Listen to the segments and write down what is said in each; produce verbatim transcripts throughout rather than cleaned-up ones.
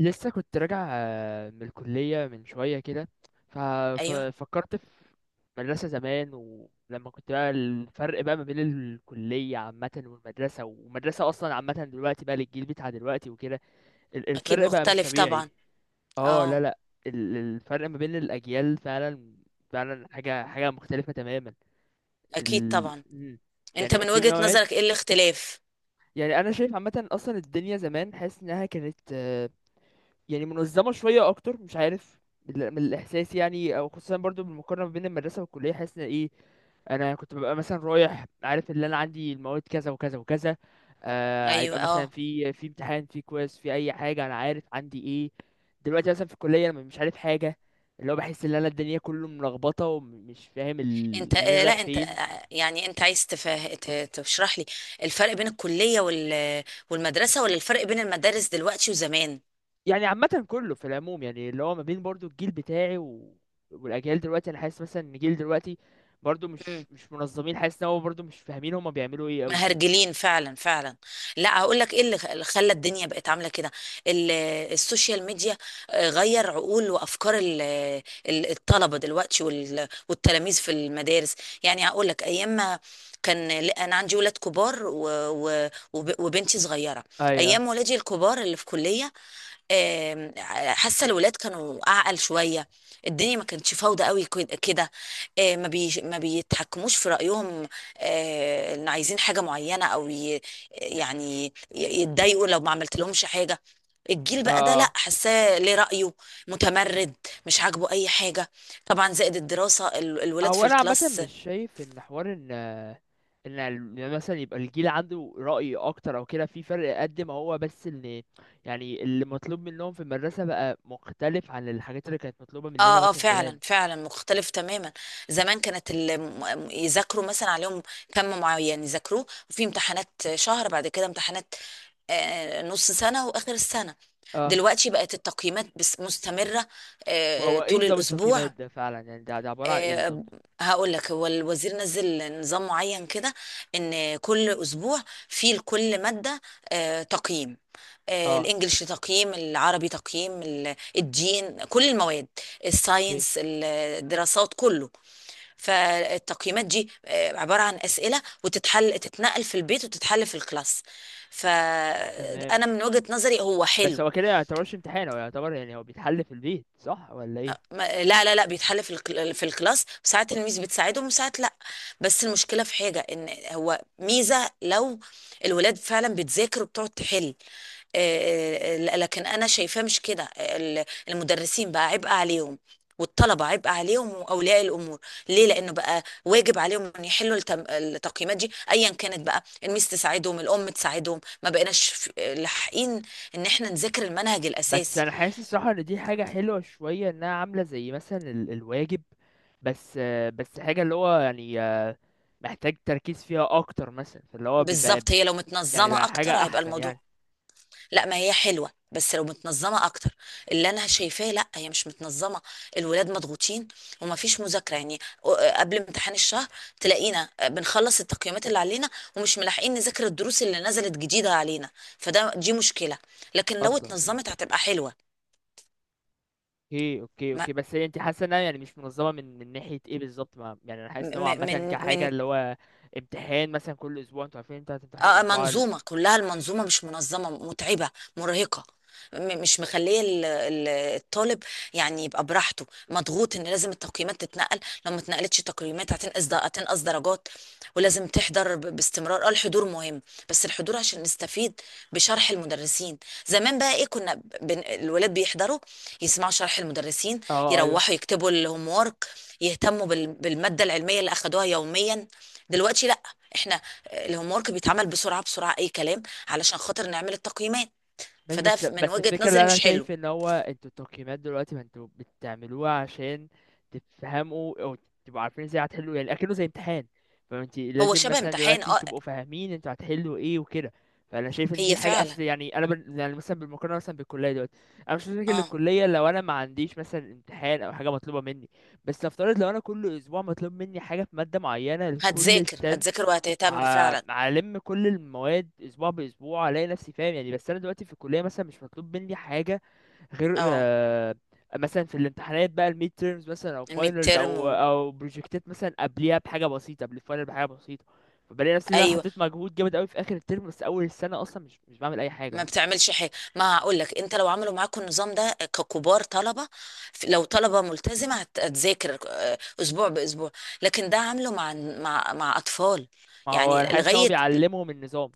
لسه كنت راجع آه، من الكلية من شوية كده. ف- ايوه. ففكرت في مدرسة زمان. ولما كنت بقى، الفرق بقى ما بين الكلية عامة والمدرسة، ومدرسة أصلا عامة دلوقتي بقى للجيل بتاع دلوقتي وكده، ال- اكيد الفرق بقى مش مختلف طبيعي. طبعا. اه، اه. لا لا، ال- الفرق ما بين الأجيال فعلا، فعلا حاجة حاجة مختلفة تماما. اكيد ال... طبعا. مم. انت، يعني من في وجهة مواد. نظرك، ايه الاختلاف؟ يعني أنا شايف عامة، أصلا الدنيا زمان حاسس إنها كانت يعني منظمة شوية أكتر، مش عارف، من من الإحساس يعني. أو خصوصا برضو بالمقارنة بين المدرسة والكلية، حاسس إن إيه، أنا كنت ببقى مثلا رايح عارف إن أنا عندي المواد كذا وكذا وكذا. آه، ايوه. هيبقى مثلا اه. في في امتحان، في كويز، في أي حاجة، أنا عارف عندي إيه. دلوقتي مثلا في الكلية أنا مش عارف حاجة، اللي هو بحس إن أنا الدنيا كله ملخبطة، ومش فاهم انت ال- منين آه لا، رايح انت، فين. آه، يعني انت عايز تفه... ت- تشرح لي الفرق بين الكلية وال... والمدرسة، ولا الفرق بين المدارس دلوقتي وزمان؟ يعني عامة كله في العموم، يعني اللي هو ما بين برضو الجيل بتاعي و... والأجيال دلوقتي. أنا حاسس مثلا إن الجيل دلوقتي برضو مش مش منظمين، حاسس إن هو برضو مش فاهمين هما بيعملوا إيه أوي. مهرجلين، فعلا فعلا. لا، هقول لك ايه اللي اللي خلى الدنيا بقت عامله كده، ال- السوشيال ميديا. آه، غير عقول وافكار ال- ال- الطلبه دلوقتي وال- والتلاميذ في المدارس. يعني هقول لك، ايام ما كان، لا، انا عندي ولاد كبار و- و- وب- وبنتي صغيره. أيوه. ايام ولادي الكبار اللي في كليه، آم، حاسه الولاد كانوا اعقل شويه. الدنيا ما كانتش فوضى قوي كد- كده. آه، ما بي ما بيتحكموش في رايهم. آه، ان عايزين حاجه معينه، او ي- يعني ي- يتضايقوا لو ما عملت لهمش حاجه. الجيل بقى ده، لا، آه. حاساه ليه رأيه. متمرد، مش عاجبه اي حاجة. طبعا، زائد الدراسة، ال- الولاد هو في أنا عامة الكلاس. مش شايف إن حوار إن، إن ال- إن مثلا يبقى الجيل عنده رأي أكتر أو كده، في فرق قد ما هو، بس إن يعني اللي مطلوب منهم في المدرسة بقى مختلف عن الحاجات اللي كانت مطلوبة مننا اه، اه، مثلا فعلا زمان. فعلا مختلف تماما. زمان كانت ال- م- يذاكروا مثلا، عليهم كم معين يذاكروه، وفي امتحانات، شهر بعد كده امتحانات. آه، آه، نص سنة وآخر السنة. اه. دلوقتي بقت التقييمات بس مستمرة. آه، آه، وهو إيه طول نظام الأسبوع. التقييمات ده فعلا؟ يعني ده، ده عبارة عن إيه آه، بالظبط؟ هقول لك، هو الوزير نزل نظام معين كده، ان كل اسبوع في لكل ماده آه، تقييم. آه، اه. الانجليش تقييم، العربي تقييم، ال- الدين، كل المواد. اوكي. الساينس، الدراسات، كله. فالتقييمات دي آه، عباره عن اسئله، وتتحل، تتنقل في البيت وتتحل في الكلاس. تمام. فانا من وجهه نظري، هو بس حلو. هو كده ما يعتبرش امتحان؟ هو يعتبر، يعني هو بيتحل في البيت، صح ولا ايه؟ ما- لا، لا، لا، بيتحل في الك- في الكلاس، ساعات الميس بتساعدهم وساعات لا. بس المشكله في حاجه، ان هو ميزه لو الولاد فعلا بتذاكر وبتقعد تحل. آه، آه، لكن انا شايفاه مش كده، ال- المدرسين بقى عبء عليهم. والطلبه عبء عليهم، واولياء الامور. ليه؟ لانه بقى واجب عليهم ان يحلوا التم- التقييمات دي ايا كانت، بقى الميس تساعدهم، الام تساعدهم، ما بقيناش في- لاحقين. ان احنا نذاكر المنهج بس الاساسي. انا حاسس الصراحه ان دي حاجه حلوه شويه، انها عامله زي مثلا ال- الواجب، بس آه، بس حاجه اللي هو يعني، آه، محتاج تركيز فيها اكتر مثلا، فاللي هو بيبقى بالظبط، هي لو يعني متنظمه بقى اكتر حاجه هيبقى احسن يعني. الموضوع. لا، ما هي حلوه، بس لو متنظمه اكتر. اللي انا شايفاه، لا، هي مش متنظمه. الولاد مضغوطين، وما فيش مذاكره يعني. قبل امتحان الشهر، تلاقينا بنخلص التقييمات اللي علينا، ومش ملاحقين نذاكر الدروس اللي نزلت جديده علينا. فده دي مشكله. لكن لو اصلا. مم. اتنظمت هتبقى حلوه. اوكي، اوكي، ما- اوكي. بس هي انت حاسه انها يعني مش منظمه من من ناحيه ايه بالظبط؟ ما- يعني انا م- حاسس ان هو عامه م- من كحاجه من اللي هو امتحان مثلا كل اسبوع، انتوا عارفين انتوا اه، هتمتحنوا آه، اسبوع ال- منظومة، كلها المنظومة مش منظمة، متعبة، مرهقة. م- مش مخلية ال- ال- الطالب يعني يبقى براحته، مضغوط ان لازم التقييمات تتنقل. لو ما اتنقلتش تقييمات هتنقص هتنقص درجات. ولازم تحضر ب- باستمرار، اه، الحضور مهم. بس الحضور عشان نستفيد بشرح المدرسين. زمان بقى ايه؟ كنا ب- بن... الولاد بيحضروا، يسمعوا شرح المدرسين، اه. ايوه. يروحوا يكتبوا الهوم وورك، يهتموا بال... بالمادة العلمية اللي اخدوها يوميا. دلوقتي لا، احنا الهوم ورك بيتعمل بسرعه بسرعه، اي كلام، علشان خاطر نعمل التقييمات. ماشي. فده بس ف- من بس وجهه الفكرة اللي نظري أنا مش حلو. شايف إن هو، انتوا التقييمات دلوقتي ما انتوا بتعملوها عشان تفهموا، أو تبقوا عارفين ازاي هتحلوا، يعني أكنه زي امتحان. فانت هو لازم شبه مثلا امتحان، دلوقتي اه. تبقوا فاهمين انتوا هتحلوا ايه وكده. فأنا شايف إن دي هي حاجة فعلا، أصل، يعني أنا بن... يعني مثلا بالمقارنة مثلا بالكلية دلوقتي، أنا مش فاكر اه. للكلية لو أنا ما عنديش مثلا امتحان أو حاجة مطلوبة مني. بس نفترض لو أنا كل أسبوع مطلوب مني حاجة في مادة معينة لكل هتذاكر الترم، هتذاكر وهتهتم ع- فعلا. هلم كل المواد اسبوع باسبوع، الاقي نفسي فاهم يعني. بس انا دلوقتي في الكليه مثلا مش مطلوب مني حاجه غير اه، آه، مثلا في الامتحانات بقى، الميد تيرمز مثلا، او الميد فاينلز، ترم. و... او او بروجكتات مثلا قبليها بحاجه بسيطه، قبل الفاينل بحاجه بسيطه. فبلاقي نفسي ان انا ايوه، حطيت مجهود جامد قوي في اخر الترم، بس اول السنه اصلا مش مش بعمل اي حاجه ما اصلا. بتعملش حاجه، ما هقول لك، انت لو عملوا معاكم النظام ده ككبار طلبه، ف- لو طلبه ملتزمه هت- هتذاكر آه، اسبوع باسبوع. لكن ده عامله مع مع مع اطفال، ما هو انا يعني حاسس ان هو لغايه. بيعلمهم النظام،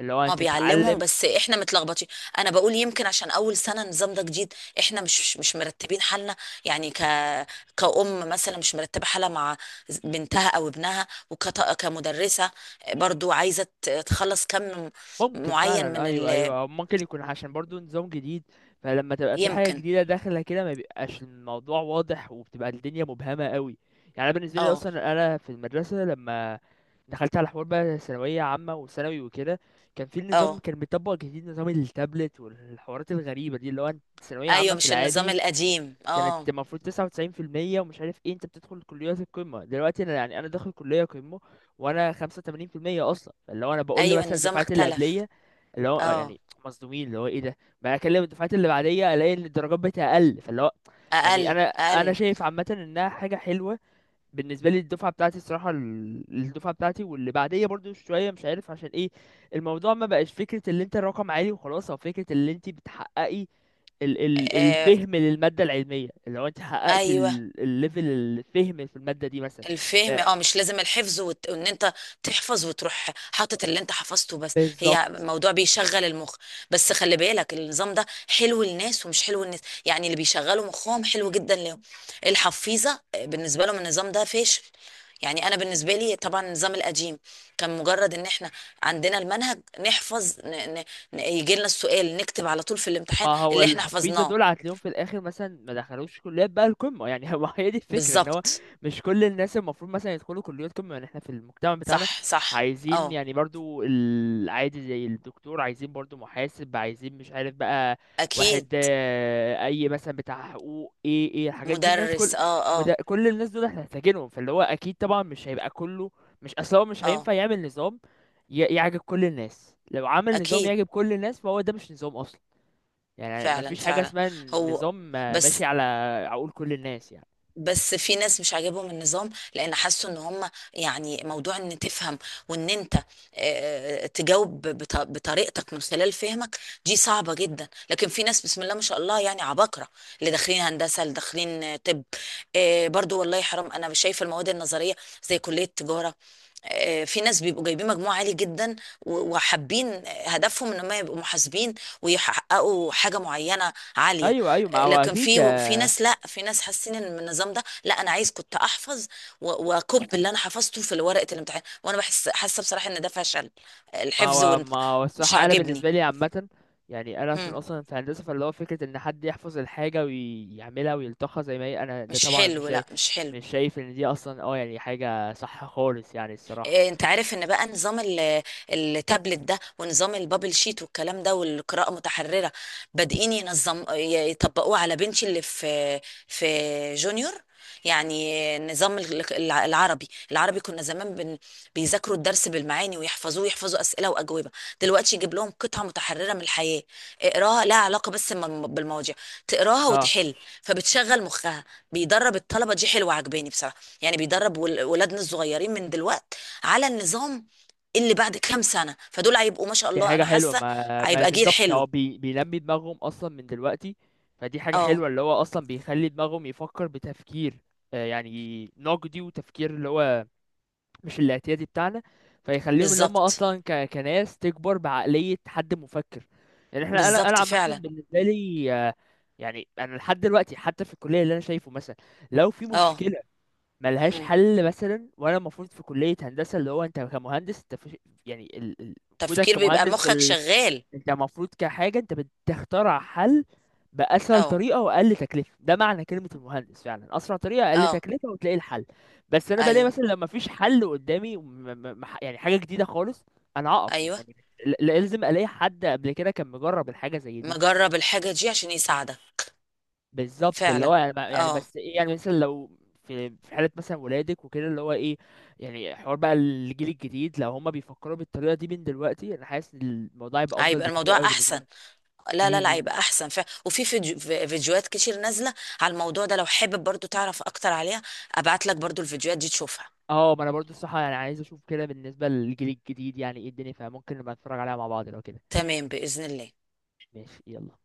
اللي هو ما انت بيعلمهم، تتعلم. بس احنا متلخبطين. انا بقول يمكن عشان اول سنه النظام ده جديد، احنا مش مش مرتبين حالنا. يعني ك كأم مثلا مش مرتبه حالها مع بنتها او ابنها، وكت... كمدرسه برضو عايزه ت- تخلص كم ممكن معين فعلا، من ايوه، ال... ايوه. أو ممكن يكون عشان برضو نظام جديد، فلما تبقى في حاجه يمكن. جديده داخله كده، ما بيبقاش الموضوع واضح، وبتبقى الدنيا مبهمه قوي. يعني أنا بالنسبه لي اه. اصلا، انا في المدرسه لما دخلت على حوار بقى ثانويه عامه وثانوي وكده، كان في النظام اه. كان بيطبق جديد، نظام التابلت والحوارات الغريبه دي، اللي هو أنت ثانويه عامه ايوه، في مش النظام العادي القديم، كانت اه. المفروض تسعة وتسعين في المية ومش عارف ايه، انت بتدخل كليات القمة. دلوقتي انا، يعني انا داخل كلية قمة وانا خمسة وتمانين في المية اصلا، فاللي هو انا بقول له ايوه، مثلا النظام الدفعات اللي اختلف. قبلية، اللي هو آه اه، يعني مصدومين اللي هو ايه ده. بقى اكلم الدفعات اللي بعدية، الاقي ان الدرجات بتاعي اقل، فاللي هو يعني اقل انا انا اقل. شايف عامة انها حاجة حلوة بالنسبه لي. الدفعه بتاعتي الصراحه، ال- الدفعه بتاعتي واللي بعديه برضو شويه، مش عارف عشان ايه، الموضوع ما بقاش فكره اللي انت الرقم عالي وخلاص، او فكره اللي انت بتحققي ال ال آه، الفهم للمادة العلمية، اللي هو انت حققتي ايوه، ال- الليفل، الفهم في المادة دي مثلا. ف- الفهم، اه، مش لازم الحفظ، وت... وان انت تحفظ وتروح حاطط اللي انت حفظته، بس هي بالظبط. موضوع بيشغل المخ. بس خلي بالك، النظام ده حلو للناس ومش حلو للناس. يعني اللي بيشغلوا مخهم حلو جدا لهم. الحفيظة، آه، بالنسبة لهم النظام ده فاشل. يعني انا بالنسبة لي طبعا النظام القديم كان مجرد ان احنا عندنا المنهج نحفظ. ن... ن... ن... يجي لنا السؤال نكتب على طول في ما الامتحان هو اللي احنا الحفيظه حفظناه. دول هتلاقيهم في الاخر مثلا ما دخلوش كليات بقى القمه يعني. هو هي دي الفكره، ان هو بالظبط. مش كل الناس المفروض مثلا يدخلوا كليات قمه، يعني احنا في المجتمع بتاعنا صح، صح. عايزين اه، يعني برضو العادي، زي الدكتور، عايزين برضو محاسب، عايزين مش عارف بقى، واحد اكيد. آه، اي مثلا بتاع حقوق، ايه ايه الحاجات دي، الناس كل، مدرس. اه. مد... آه. كل الناس دول احنا محتاجينهم. فاللي هو اكيد طبعا مش هيبقى كله، مش اصلا هو مش اه، هينفع يعمل نظام ي- يعجب كل الناس. لو عمل نظام اكيد، يعجب كل الناس، فهو ده مش نظام اصلا، يعني ما فعلا فيش حاجة فعلا، اسمها هو نظام آه، ماشي بس على عقول كل الناس يعني. بس في ناس مش عاجبهم النظام، لان حسوا ان هم، يعني، موضوع ان تفهم وان انت آه، تجاوب بط- بطريقتك من خلال فهمك، دي صعبة جدا. لكن في ناس بسم الله ما شاء الله، يعني عباقرة، اللي داخلين هندسة، اللي داخلين آه، طب. آه، برضو والله حرام، انا شايفة المواد النظرية، زي كلية تجارة، آه، في ناس بيبقوا جايبين مجموع عالي جدا و- وحابين، آه، هدفهم ان هم يبقوا محاسبين، ويحققوا حاجة معينة عالية. ايوه، ايوه، ما هو لكن اكيد، في في آه، ناس، لا، في ناس حاسين ان النظام ده، لا، انا عايز كنت احفظ و- واكب اللي انا حفظته في ورقه الامتحان، وانا بحس حاسه بصراحه ان ده فشل، ما الحفظ هو وال- ما هو مش الصراحة انا عاجبني. بالنسبة لي عامة، يعني انا عشان مم. اصلا في هندسة، فاللي هو فكرة ان حد يحفظ الحاجة ويعملها ويلتقها زي ما هي، انا ده مش طبعا مش حلو، شايف، لا، مش حلو. مش شايف ان دي اصلا اه يعني حاجة صح خالص يعني الصراحة. إيه، انت عارف ان بقى نظام ال- التابلت ده ونظام البابل شيت والكلام ده، والقراءة متحررة، بادئين ينظم ي- يطبقوه على بنتي اللي في في جونيور. يعني نظام ال- الع- العربي العربي، كنا زمان بن بيذاكروا الدرس بالمعاني ويحفظوه، يحفظوا أسئلة وأجوبة. دلوقتي يجيب لهم قطعة متحررة من الحياة، اقراها لها علاقة بس بالم- بالمواضيع، تقراها اه. وتحل، فبتشغل مخها. بيدرب الطلبة، دي حلوة، عجباني بصراحة. يعني بيدرب ول- ولادنا الصغيرين من دلوقتي على النظام، اللي بعد كام سنة فدول هيبقوا ما شاء دي الله، حاجة أنا حلوة. حاسة ما ما هيبقى جيل بالظبط، هو حلو. بي... بينمي دماغهم اصلا من دلوقتي. فدي حاجة اه. حلوة، اللي هو اصلا بيخلي دماغهم يفكر بتفكير آه، يعني نقدي، وتفكير اللي هو مش الاعتيادي بتاعنا. فيخليهم اللي هم بالظبط، اصلا ك... كناس تكبر بعقلية حد مفكر. يعني احنا، انا انا بالظبط عامة فعلا. بالنسبة لي آه، يعني انا لحد دلوقتي حتى في الكلية اللي انا شايفه، مثلا لو في اه. مشكلة ملهاش مم. حل مثلا، وانا المفروض في كلية هندسة، اللي هو انت كمهندس انت في، يعني ال... ال- وجودك تفكير، بيبقى كمهندس، في مخك شغال. انت المفروض كحاجة انت بتخترع حل بأسهل اه، طريقة وأقل تكلفة، ده معنى كلمة المهندس فعلا، أسرع طريقة، أقل اه، تكلفة، وتلاقي الحل. بس أنا بلاقي ايوه، مثلا لما مفيش حل قدامي، وم- م- م- يعني حاجة جديدة خالص، أنا أقف ايوه. يعني، ل- لازم ألاقي حد قبل كده كان مجرب الحاجة زي دي. مجرب الحاجة دي عشان يساعدك. بالظبط، اللي فعلا. هو يعني، ما- يعني اه. بس إيه، يعني مثلا لو في في حالة مثلا ولادك وكده، اللي هو إيه، يعني حوار بقى الجيل الجديد لو هما بيفكروا بالطريقة دي من دلوقتي، أنا حاسس إن الموضوع يبقى أفضل هيبقى الموضوع بكتير أوي بالنسبة احسن. لا، لا، لا، لهم. هيبقى احسن فعلا. وفي فيديو- في- فيديوهات كتير نازلة على الموضوع ده، لو حابب برضو تعرف اكتر عليها ابعت لك برضو الفيديوهات دي تشوفها. اه، ما انا برضو الصراحه يعني عايز اشوف كده بالنسبه للجيل الجديد يعني ايه الدنيا، فممكن نبقى نتفرج عليها مع بعض لو كده. تمام، بإذن الله. ماشي، يلا.